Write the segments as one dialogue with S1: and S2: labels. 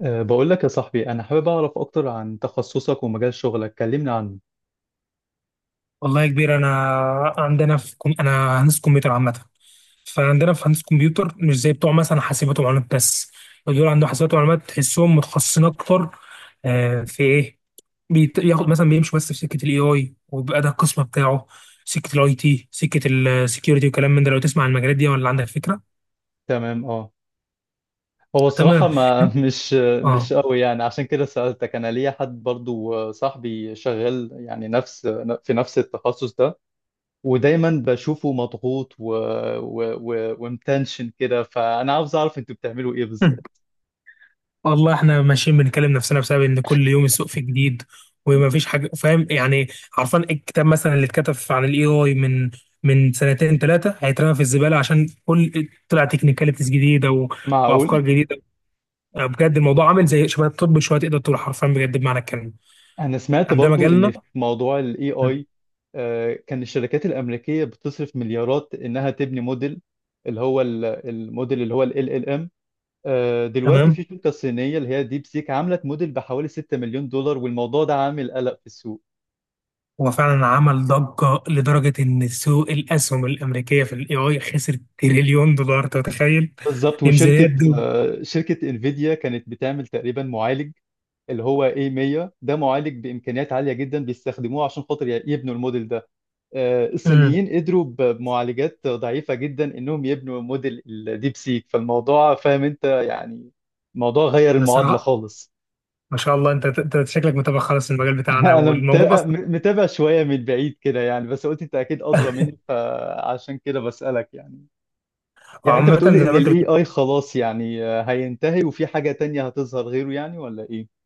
S1: بقول لك يا صاحبي، أنا حابب أعرف أكتر عن تخصصك ومجال شغلك، كلمني عنه.
S2: والله يا كبير، انا هندسه كمبيوتر عامه. فعندنا في هندسه كمبيوتر، مش زي بتوع مثلا حاسبات ومعلومات بس. دول عندهم حاسبات ومعلومات تحسهم متخصصين اكتر. في ايه؟ ياخد مثلا، بيمشوا بس في سكه الاي اي، وبيبقى ده القسم بتاعه. سكه الاي تي، سكه السكيورتي، وكلام من ده. لو تسمع عن المجالات دي ولا عندك فكره؟
S1: تمام، أه. هو الصراحة
S2: تمام.
S1: ما مش
S2: اه.
S1: قوي، يعني عشان كده سألتك. أنا ليا حد برضو، صاحبي شغال يعني نفس في نفس التخصص ده، ودايما بشوفه مضغوط ومتنشن كده، فأنا عاوز أعرف أنتوا بتعملوا إيه بالظبط؟
S2: والله احنا ماشيين بنكلم نفسنا بسبب ان كل يوم السوق فيه جديد، وما فيش حاجه، فاهم يعني؟ عارفان الكتاب مثلا اللي اتكتب عن الاي اي من سنتين ثلاثه، هيترمى في الزباله عشان كل طلع تكنيكاليتيز جديده
S1: معقول؟
S2: وافكار جديده. يعني بجد الموضوع عامل زي شبه الطب شويه، تقدر تقول حرفيا بجد بمعنى الكلمه.
S1: انا سمعت
S2: عندما
S1: برضو ان
S2: جالنا.
S1: في موضوع الاي اي كان الشركات الامريكيه بتصرف مليارات انها تبني موديل، الموديل اللي هو ال ال ام. دلوقتي
S2: تمام.
S1: في شركه صينيه اللي هي ديب سيك عملت موديل بحوالي 6 مليون دولار، والموضوع ده عامل قلق في السوق.
S2: هو فعلا عمل ضجه لدرجه ان سوق الاسهم الامريكيه في الاي اي خسر تريليون دولار، أنت متخيل؟
S1: بالظبط.
S2: دي ميزانيات
S1: وشركه
S2: دول.
S1: آه، شركه انفيديا كانت بتعمل تقريبا معالج اللي هو A100، ده معالج بامكانيات عاليه جدا بيستخدموه عشان خاطر يبنوا الموديل ده.
S2: امم.
S1: الصينيين قدروا بمعالجات ضعيفة جدا انهم يبنوا موديل الديب سيك. فالموضوع فاهم انت يعني، الموضوع غير المعادلة
S2: بصراحه
S1: خالص.
S2: ما شاء الله، انت شكلك متابع خالص المجال بتاعنا
S1: انا
S2: والموضوع
S1: متابع،
S2: اصلا.
S1: متابع شوية من بعيد كده يعني، بس قلت انت اكيد ادرى مني فعشان كده بسألك. يعني يعني انت
S2: عامة
S1: بتقولي
S2: زي
S1: ان
S2: ما انت
S1: الاي
S2: بتقول.
S1: اي خلاص يعني هينتهي وفي حاجة تانية هتظهر غيره يعني، ولا ايه؟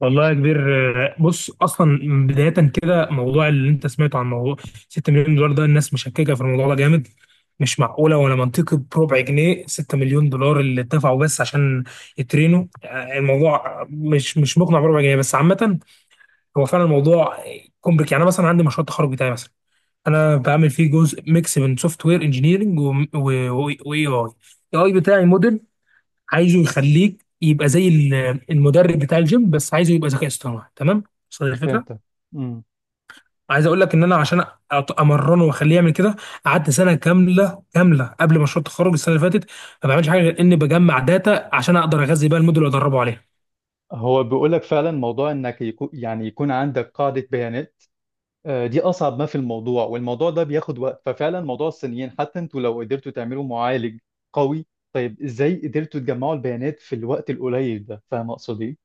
S2: والله يا كبير، بص اصلا. بداية كده، موضوع اللي انت سمعته عن موضوع 6 مليون دولار ده، الناس مشككة في الموضوع ده جامد. مش معقولة ولا منطقي بربع جنيه، 6 مليون دولار اللي اتدفعوا بس عشان يترينوا. الموضوع مش مقنع بربع جنيه بس. عامة هو فعلا الموضوع كومبليك. يعني أنا مثلا عندي مشروع التخرج بتاعي مثلا، انا بعمل فيه جزء ميكس بين سوفت وير انجينيرنج واي اي. اي بتاعي موديل عايزه يخليك يبقى زي المدرب بتاع الجيم، بس عايزه يبقى ذكاء اصطناعي، تمام؟ وصل الفكره؟
S1: فهمت. امم.
S2: عايز اقول لك ان انا، عشان امرنه واخليه يعمل كده، قعدت سنه كامله كامله قبل مشروع التخرج السنه اللي فاتت، ما بعملش حاجه غير اني بجمع داتا عشان اقدر اغذي بيها الموديل وادربه عليها.
S1: هو بيقولك فعلا موضوع انك يكون يعني يكون عندك قاعدة بيانات. دي اصعب ما في الموضوع، والموضوع ده بياخد وقت. ففعلا موضوع الصينيين، حتى انتوا لو قدرتوا تعملوا معالج قوي، طيب ازاي قدرتوا تجمعوا البيانات في الوقت القليل ده؟ فاهم اقصد ايه.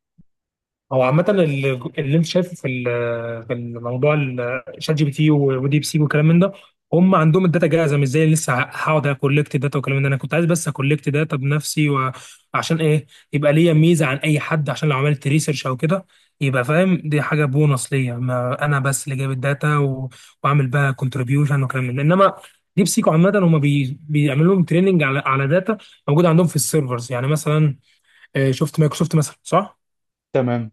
S2: هو عامة اللي انت شايفه في في الموضوع، شات جي بي تي وديب سيك والكلام من ده، هم عندهم الداتا جاهزة. مش زي اللي لسه هقعد اكولكت داتا والكلام من ده. انا كنت عايز بس اكولكت داتا بنفسي. وعشان ايه؟ يبقى ليا ميزة عن اي حد، عشان لو عملت ريسيرش او كده، يبقى فاهم دي حاجة بونص ليا، ما انا بس اللي جايب الداتا واعمل بقى كونتريبيوشن وكلام من ده. انما ديب سيك عامة، هم بيعملوا لهم تريننج على داتا موجودة عندهم في السيرفرز. يعني مثلا شفت مايكروسوفت مثلا صح؟
S1: تمام.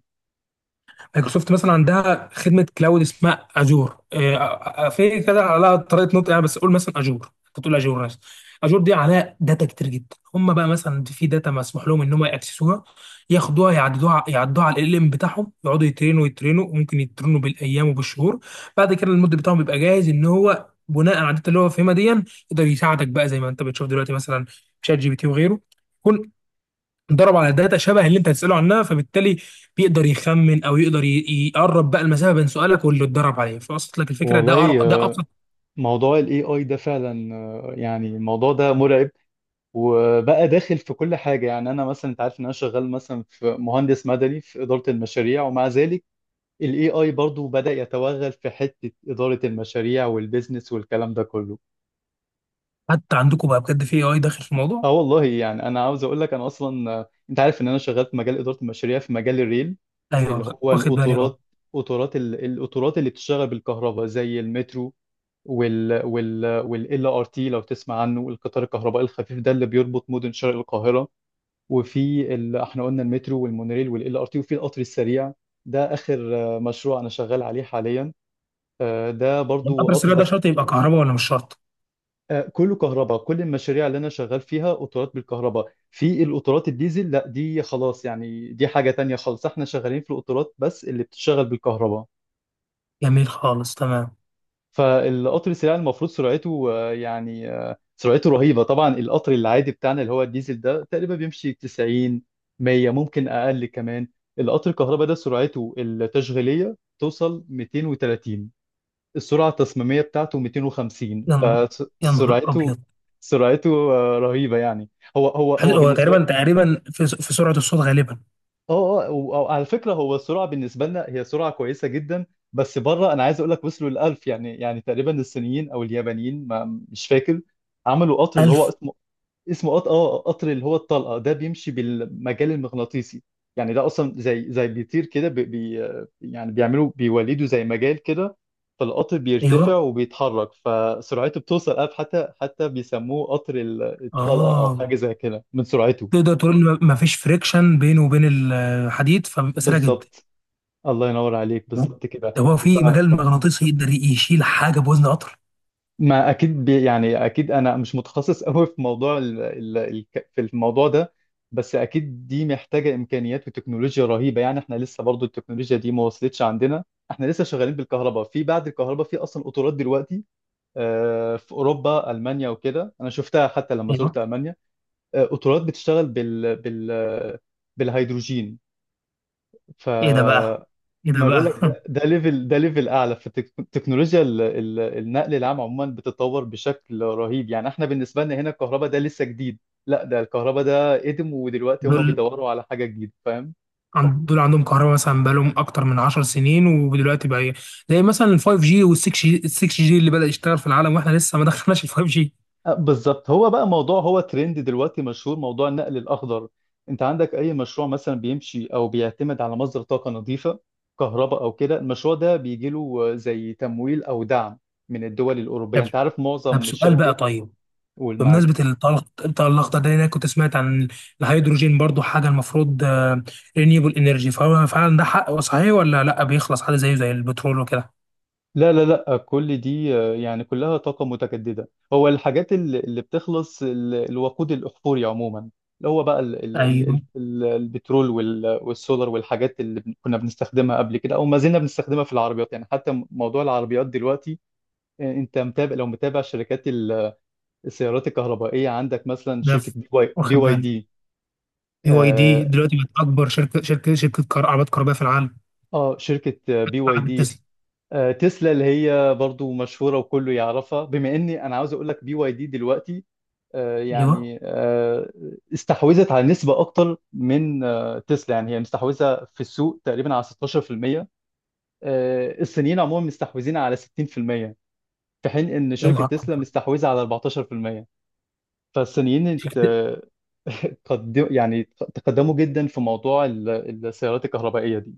S2: مايكروسوفت مثلا عندها خدمه كلاود اسمها اجور. في كده على طريقه نطق يعني، بس قول مثلا اجور، انت تقول اجور ناس. اجور دي عليها داتا كتير جدا. هم بقى مثلا في داتا مسموح لهم ان هم ياكسسوها، ياخدوها، يعددوها، يعدوها على ال ام بتاعهم، يقعدوا يترينوا يترينوا، وممكن يترينوا بالايام وبالشهور. بعد كده المود بتاعهم بيبقى جاهز، ان هو بناء على الداتا اللي هو فاهمها دي، يقدر يساعدك. بقى زي ما انت بتشوف دلوقتي، مثلا شات جي بي تي وغيره، اتدرب على داتا شبه اللي انت هتساله عنها، فبالتالي بيقدر يخمن او يقدر يقرب بقى المسافه بين سؤالك واللي اتدرب عليه. فوصلت لك الفكره؟
S1: والله
S2: ده ابسط.
S1: موضوع الاي اي ده فعلا يعني الموضوع ده مرعب، وبقى داخل في كل حاجه. يعني انا مثلا، انت عارف ان انا شغال مثلا في مهندس مدني في اداره المشاريع، ومع ذلك الاي اي برضو بدأ يتوغل في حته اداره المشاريع والبيزنس والكلام ده كله.
S2: حتى عندكم بقى بجد في اي اي داخل في الموضوع؟
S1: اه والله يعني انا عاوز اقول لك، انا اصلا انت عارف ان انا شغال في مجال اداره المشاريع في مجال الريل، اللي
S2: ايوه،
S1: هو
S2: واخد بالي اهو.
S1: القطارات. القطارات اللي بتشتغل بالكهرباء زي المترو، وال وال وال ار تي لو تسمع عنه، القطار الكهربائي الخفيف ده اللي بيربط مدن شرق القاهره. احنا قلنا المترو والمونوريل وال ار تي، وفي القطر السريع. ده اخر مشروع انا شغال عليه حاليا. ده برضو
S2: القطر
S1: قطر
S2: السريع ده
S1: بس
S2: شرط يبقى كهرباء ولا مش شرط؟
S1: كله كهرباء. كل المشاريع اللي انا شغال فيها قطارات بالكهرباء، في القطارات الديزل لا، دي خلاص يعني، دي حاجة تانية خالص. احنا شغالين في القطارات بس اللي بتشتغل بالكهرباء.
S2: جميل خالص، تمام.
S1: فالقطر السريع المفروض سرعته يعني سرعته رهيبة. طبعا القطر العادي بتاعنا اللي هو الديزل ده تقريبا بيمشي 90، 100، ممكن اقل كمان. القطر الكهرباء ده سرعته التشغيلية توصل 230، السرعة التصميمية بتاعته 250.
S2: يا ن- يا نهار ابيض.
S1: سرعته رهيبة يعني. هو هو هو
S2: هو
S1: بالنسبة.
S2: تقريبا تقريبا في سرعه الصوت غالبا.
S1: اه اه وعلى فكرة هو السرعة بالنسبة لنا هي سرعة كويسة جدا، بس بره انا عايز اقول لك وصلوا للألف. يعني يعني تقريبا الصينيين او اليابانيين، ما مش فاكر، عملوا قطر اللي هو
S2: 1000.
S1: اه قطر اللي هو الطلقه ده بيمشي بالمجال المغناطيسي. يعني ده اصلا زي بيطير كده، يعني بيعملوا بيولدوا زي مجال كده، فالقطر بيرتفع
S2: ايوه،
S1: وبيتحرك، فسرعته بتوصل أب حتى بيسموه قطر الطلقه او
S2: اه.
S1: حاجه زي كده من سرعته.
S2: تقدر تقول ما فيش فريكشن بينه وبين الحديد، فبيبقى سريع جدا.
S1: بالظبط. الله ينور عليك، بالظبط كده.
S2: ده هو في مجال مغناطيسي يقدر يشيل حاجه بوزن قطر.
S1: ما اكيد يعني اكيد انا مش متخصص قوي في موضوع ال ال ال في الموضوع ده، بس اكيد دي محتاجه امكانيات وتكنولوجيا رهيبه. يعني احنا لسه برضو التكنولوجيا دي ما وصلتش عندنا، احنا لسه شغالين بالكهرباء، في بعد الكهرباء في اصلا قطارات دلوقتي. في اوروبا، المانيا وكده، انا شفتها حتى لما
S2: ايوه.
S1: زرت المانيا، قطارات بتشتغل بالهيدروجين. ف
S2: ايه ده بقى؟ ايه ده
S1: ما بقول لك،
S2: بقى؟
S1: ده ليفل اعلى. فالتكنولوجيا، النقل العام عموما بتتطور بشكل رهيب، يعني احنا بالنسبه لنا هنا الكهرباء ده لسه جديد، لا ده الكهرباء ده قدم، ودلوقتي هم
S2: دول
S1: بيدوروا على حاجه جديده، فاهم.
S2: دول عندهم كهرباء مثلا بقالهم اكتر من 10 سنين. ودلوقتي بقى إيه؟ زي مثلا ال 5G وال 6G اللي بدأ يشتغل في العالم، واحنا لسه ما دخلناش ال 5G.
S1: بالظبط. هو بقى موضوع، هو ترند دلوقتي مشهور، موضوع النقل الاخضر. انت عندك اي مشروع مثلا بيمشي او بيعتمد على مصدر طاقه نظيفه، كهرباء او كده، المشروع ده بيجي له زي تمويل او دعم من الدول الاوروبيه،
S2: طب
S1: انت عارف
S2: طب
S1: معظم
S2: سؤال بقى.
S1: الشركات
S2: طيب
S1: والمعارف.
S2: بمناسبة الطاقة الأخضر ده، أنا كنت سمعت عن الهيدروجين برضو، حاجة المفروض رينيوبل انرجي. فهو فعلا ده حق؟ صحيح ولا لا بيخلص عادي زيه زي البترول وكده؟
S1: لا لا لا، كل دي يعني كلها طاقة متجددة. هو الحاجات اللي بتخلص الوقود الأحفوري عموما، اللي هو بقى
S2: ايوه.
S1: البترول والسولار، والحاجات كنا بنستخدمها قبل كده أو ما زلنا بنستخدمها في العربيات. يعني حتى موضوع العربيات دلوقتي، أنت متابع، لو متابع شركات السيارات الكهربائية، عندك مثلا
S2: ده
S1: شركة
S2: ف-
S1: بي
S2: واخد
S1: واي
S2: بالي.
S1: دي.
S2: بي واي دي
S1: آه.
S2: دلوقتي بقت اكبر شركه كار عربيات كهربائيه في العالم
S1: شركة بي واي
S2: بعد
S1: دي،
S2: تسلا.
S1: تسلا اللي هي برضو مشهورة وكله يعرفها. بما اني انا عاوز اقول لك بي واي دي دلوقتي آه،
S2: ايوه.
S1: يعني آه، استحوذت على نسبة أكتر من تسلا، يعني هي مستحوذة في السوق تقريبا على 16%. الصينيين عموما مستحوذين على 60% في المية، في حين إن
S2: يا
S1: شركة
S2: نهار
S1: تسلا
S2: أبيض.
S1: مستحوذة على 14%. فالصينيين
S2: شركة-
S1: ات- قدم يعني، تقدموا جدا في موضوع السيارات الكهربائية دي.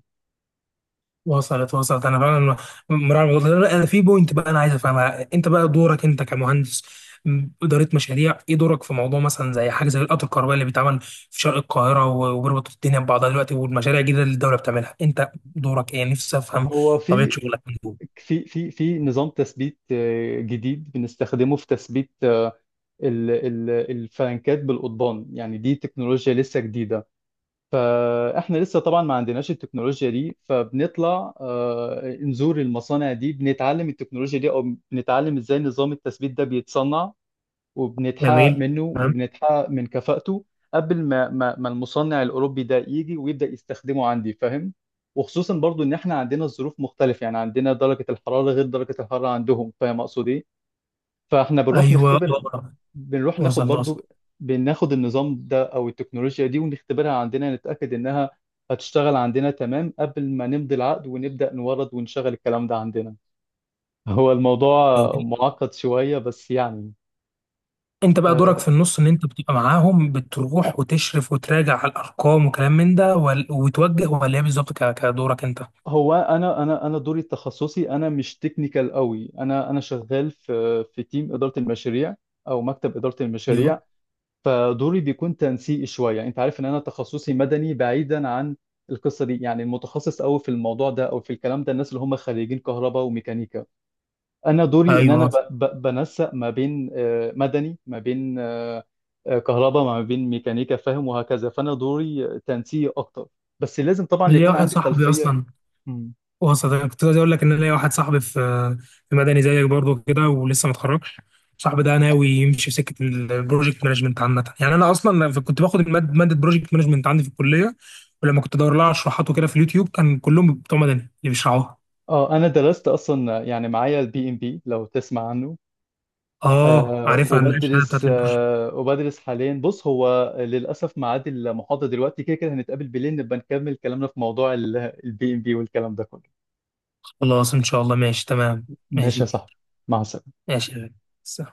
S2: وصلت وصلت انا فعلا مراعي الموضوع ده. لا، انا في بوينت بقى انا عايز افهمها. انت بقى دورك انت كمهندس اداره مشاريع ايه؟ دورك في موضوع مثلا زي حاجه زي القطر الكهربائي اللي بيتعمل في شرق القاهره وبيربط الدنيا ببعضها دلوقتي، والمشاريع الجديده اللي الدوله بتعملها، انت دورك ايه؟ نفسي افهم
S1: هو
S2: طبيعه
S1: في
S2: شغلك من دول.
S1: في نظام تثبيت جديد بنستخدمه في تثبيت الفلانكات بالقضبان. يعني دي تكنولوجيا لسه جديدة، فاحنا لسه طبعا ما عندناش التكنولوجيا دي، فبنطلع نزور المصانع دي، بنتعلم التكنولوجيا دي او بنتعلم ازاي نظام التثبيت ده بيتصنع، وبنتحقق
S2: جميل،
S1: منه
S2: تمام.
S1: وبنتحقق من كفاءته قبل ما المصنع الاوروبي ده يجي ويبدا يستخدمه عندي، فاهم. وخصوصا برضو ان احنا عندنا الظروف مختلفه، يعني عندنا درجه الحراره غير درجه الحراره عندهم، فاهم اقصد ايه. فاحنا بنروح
S2: ايوه.
S1: نختبر،
S2: آه.
S1: بنروح ناخد
S2: وصلت وصلت.
S1: برضو، بناخد النظام ده او التكنولوجيا دي ونختبرها عندنا، نتأكد انها هتشتغل عندنا تمام قبل ما نمضي العقد ونبدأ نورد ونشغل الكلام ده عندنا. هو الموضوع
S2: جميل.
S1: معقد شوية بس يعني.
S2: انت بقى دورك
S1: آه،
S2: في النص، ان انت بتبقى معاهم، بتروح وتشرف وتراجع على الارقام وكلام من ده، وتوجه، ولا ايه بالظبط كدورك انت؟
S1: هو انا دوري التخصصي، انا مش تكنيكال قوي، انا شغال في في تيم إدارة المشاريع او مكتب إدارة المشاريع.
S2: ايوه
S1: فدوري بيكون تنسيقي شويه. انت عارف ان انا تخصصي مدني بعيدا عن القصه دي يعني، المتخصص قوي في الموضوع ده او في الكلام ده الناس اللي هم خريجين كهرباء وميكانيكا. انا دوري ان انا
S2: ايوه.
S1: بنسق ما بين مدني، ما بين كهرباء، ما بين ميكانيكا، فاهم، وهكذا. فانا دوري تنسيقي اكتر، بس لازم طبعا
S2: ليا
S1: يكون
S2: واحد
S1: عندي
S2: صاحبي
S1: خلفيه.
S2: اصلا،
S1: مم.
S2: وسط. أنا كنت عايز اقول لك ان أنا ليا واحد صاحبي في مدني زيك برضه كده، ولسه ما اتخرجش. صاحبي ده ناوي يمشي في سكه البروجكت مانجمنت عامه يعني. انا اصلا كنت باخد ماده بروجكت مانجمنت عندي في الكليه، ولما كنت ادور لها على شروحات وكده في اليوتيوب كان كلهم بتوع مدني اللي بيشرحوها.
S1: اه انا درست اصلا يعني معايا البي ام بي لو تسمع عنه.
S2: اه، عارفها الشهاده بتاعت.
S1: أه وبدرس حاليا. بص هو للأسف ميعاد المحاضرة دلوقتي، كده كده هنتقابل بالليل نبقى نكمل كلامنا في موضوع البي ام بي والكلام ده كله.
S2: خلاص إن شاء الله، ماشي تمام.
S1: ماشي
S2: ماشي
S1: يا
S2: كبير.
S1: صاحبي، مع السلامة.
S2: ماشي يا غالي. سلام.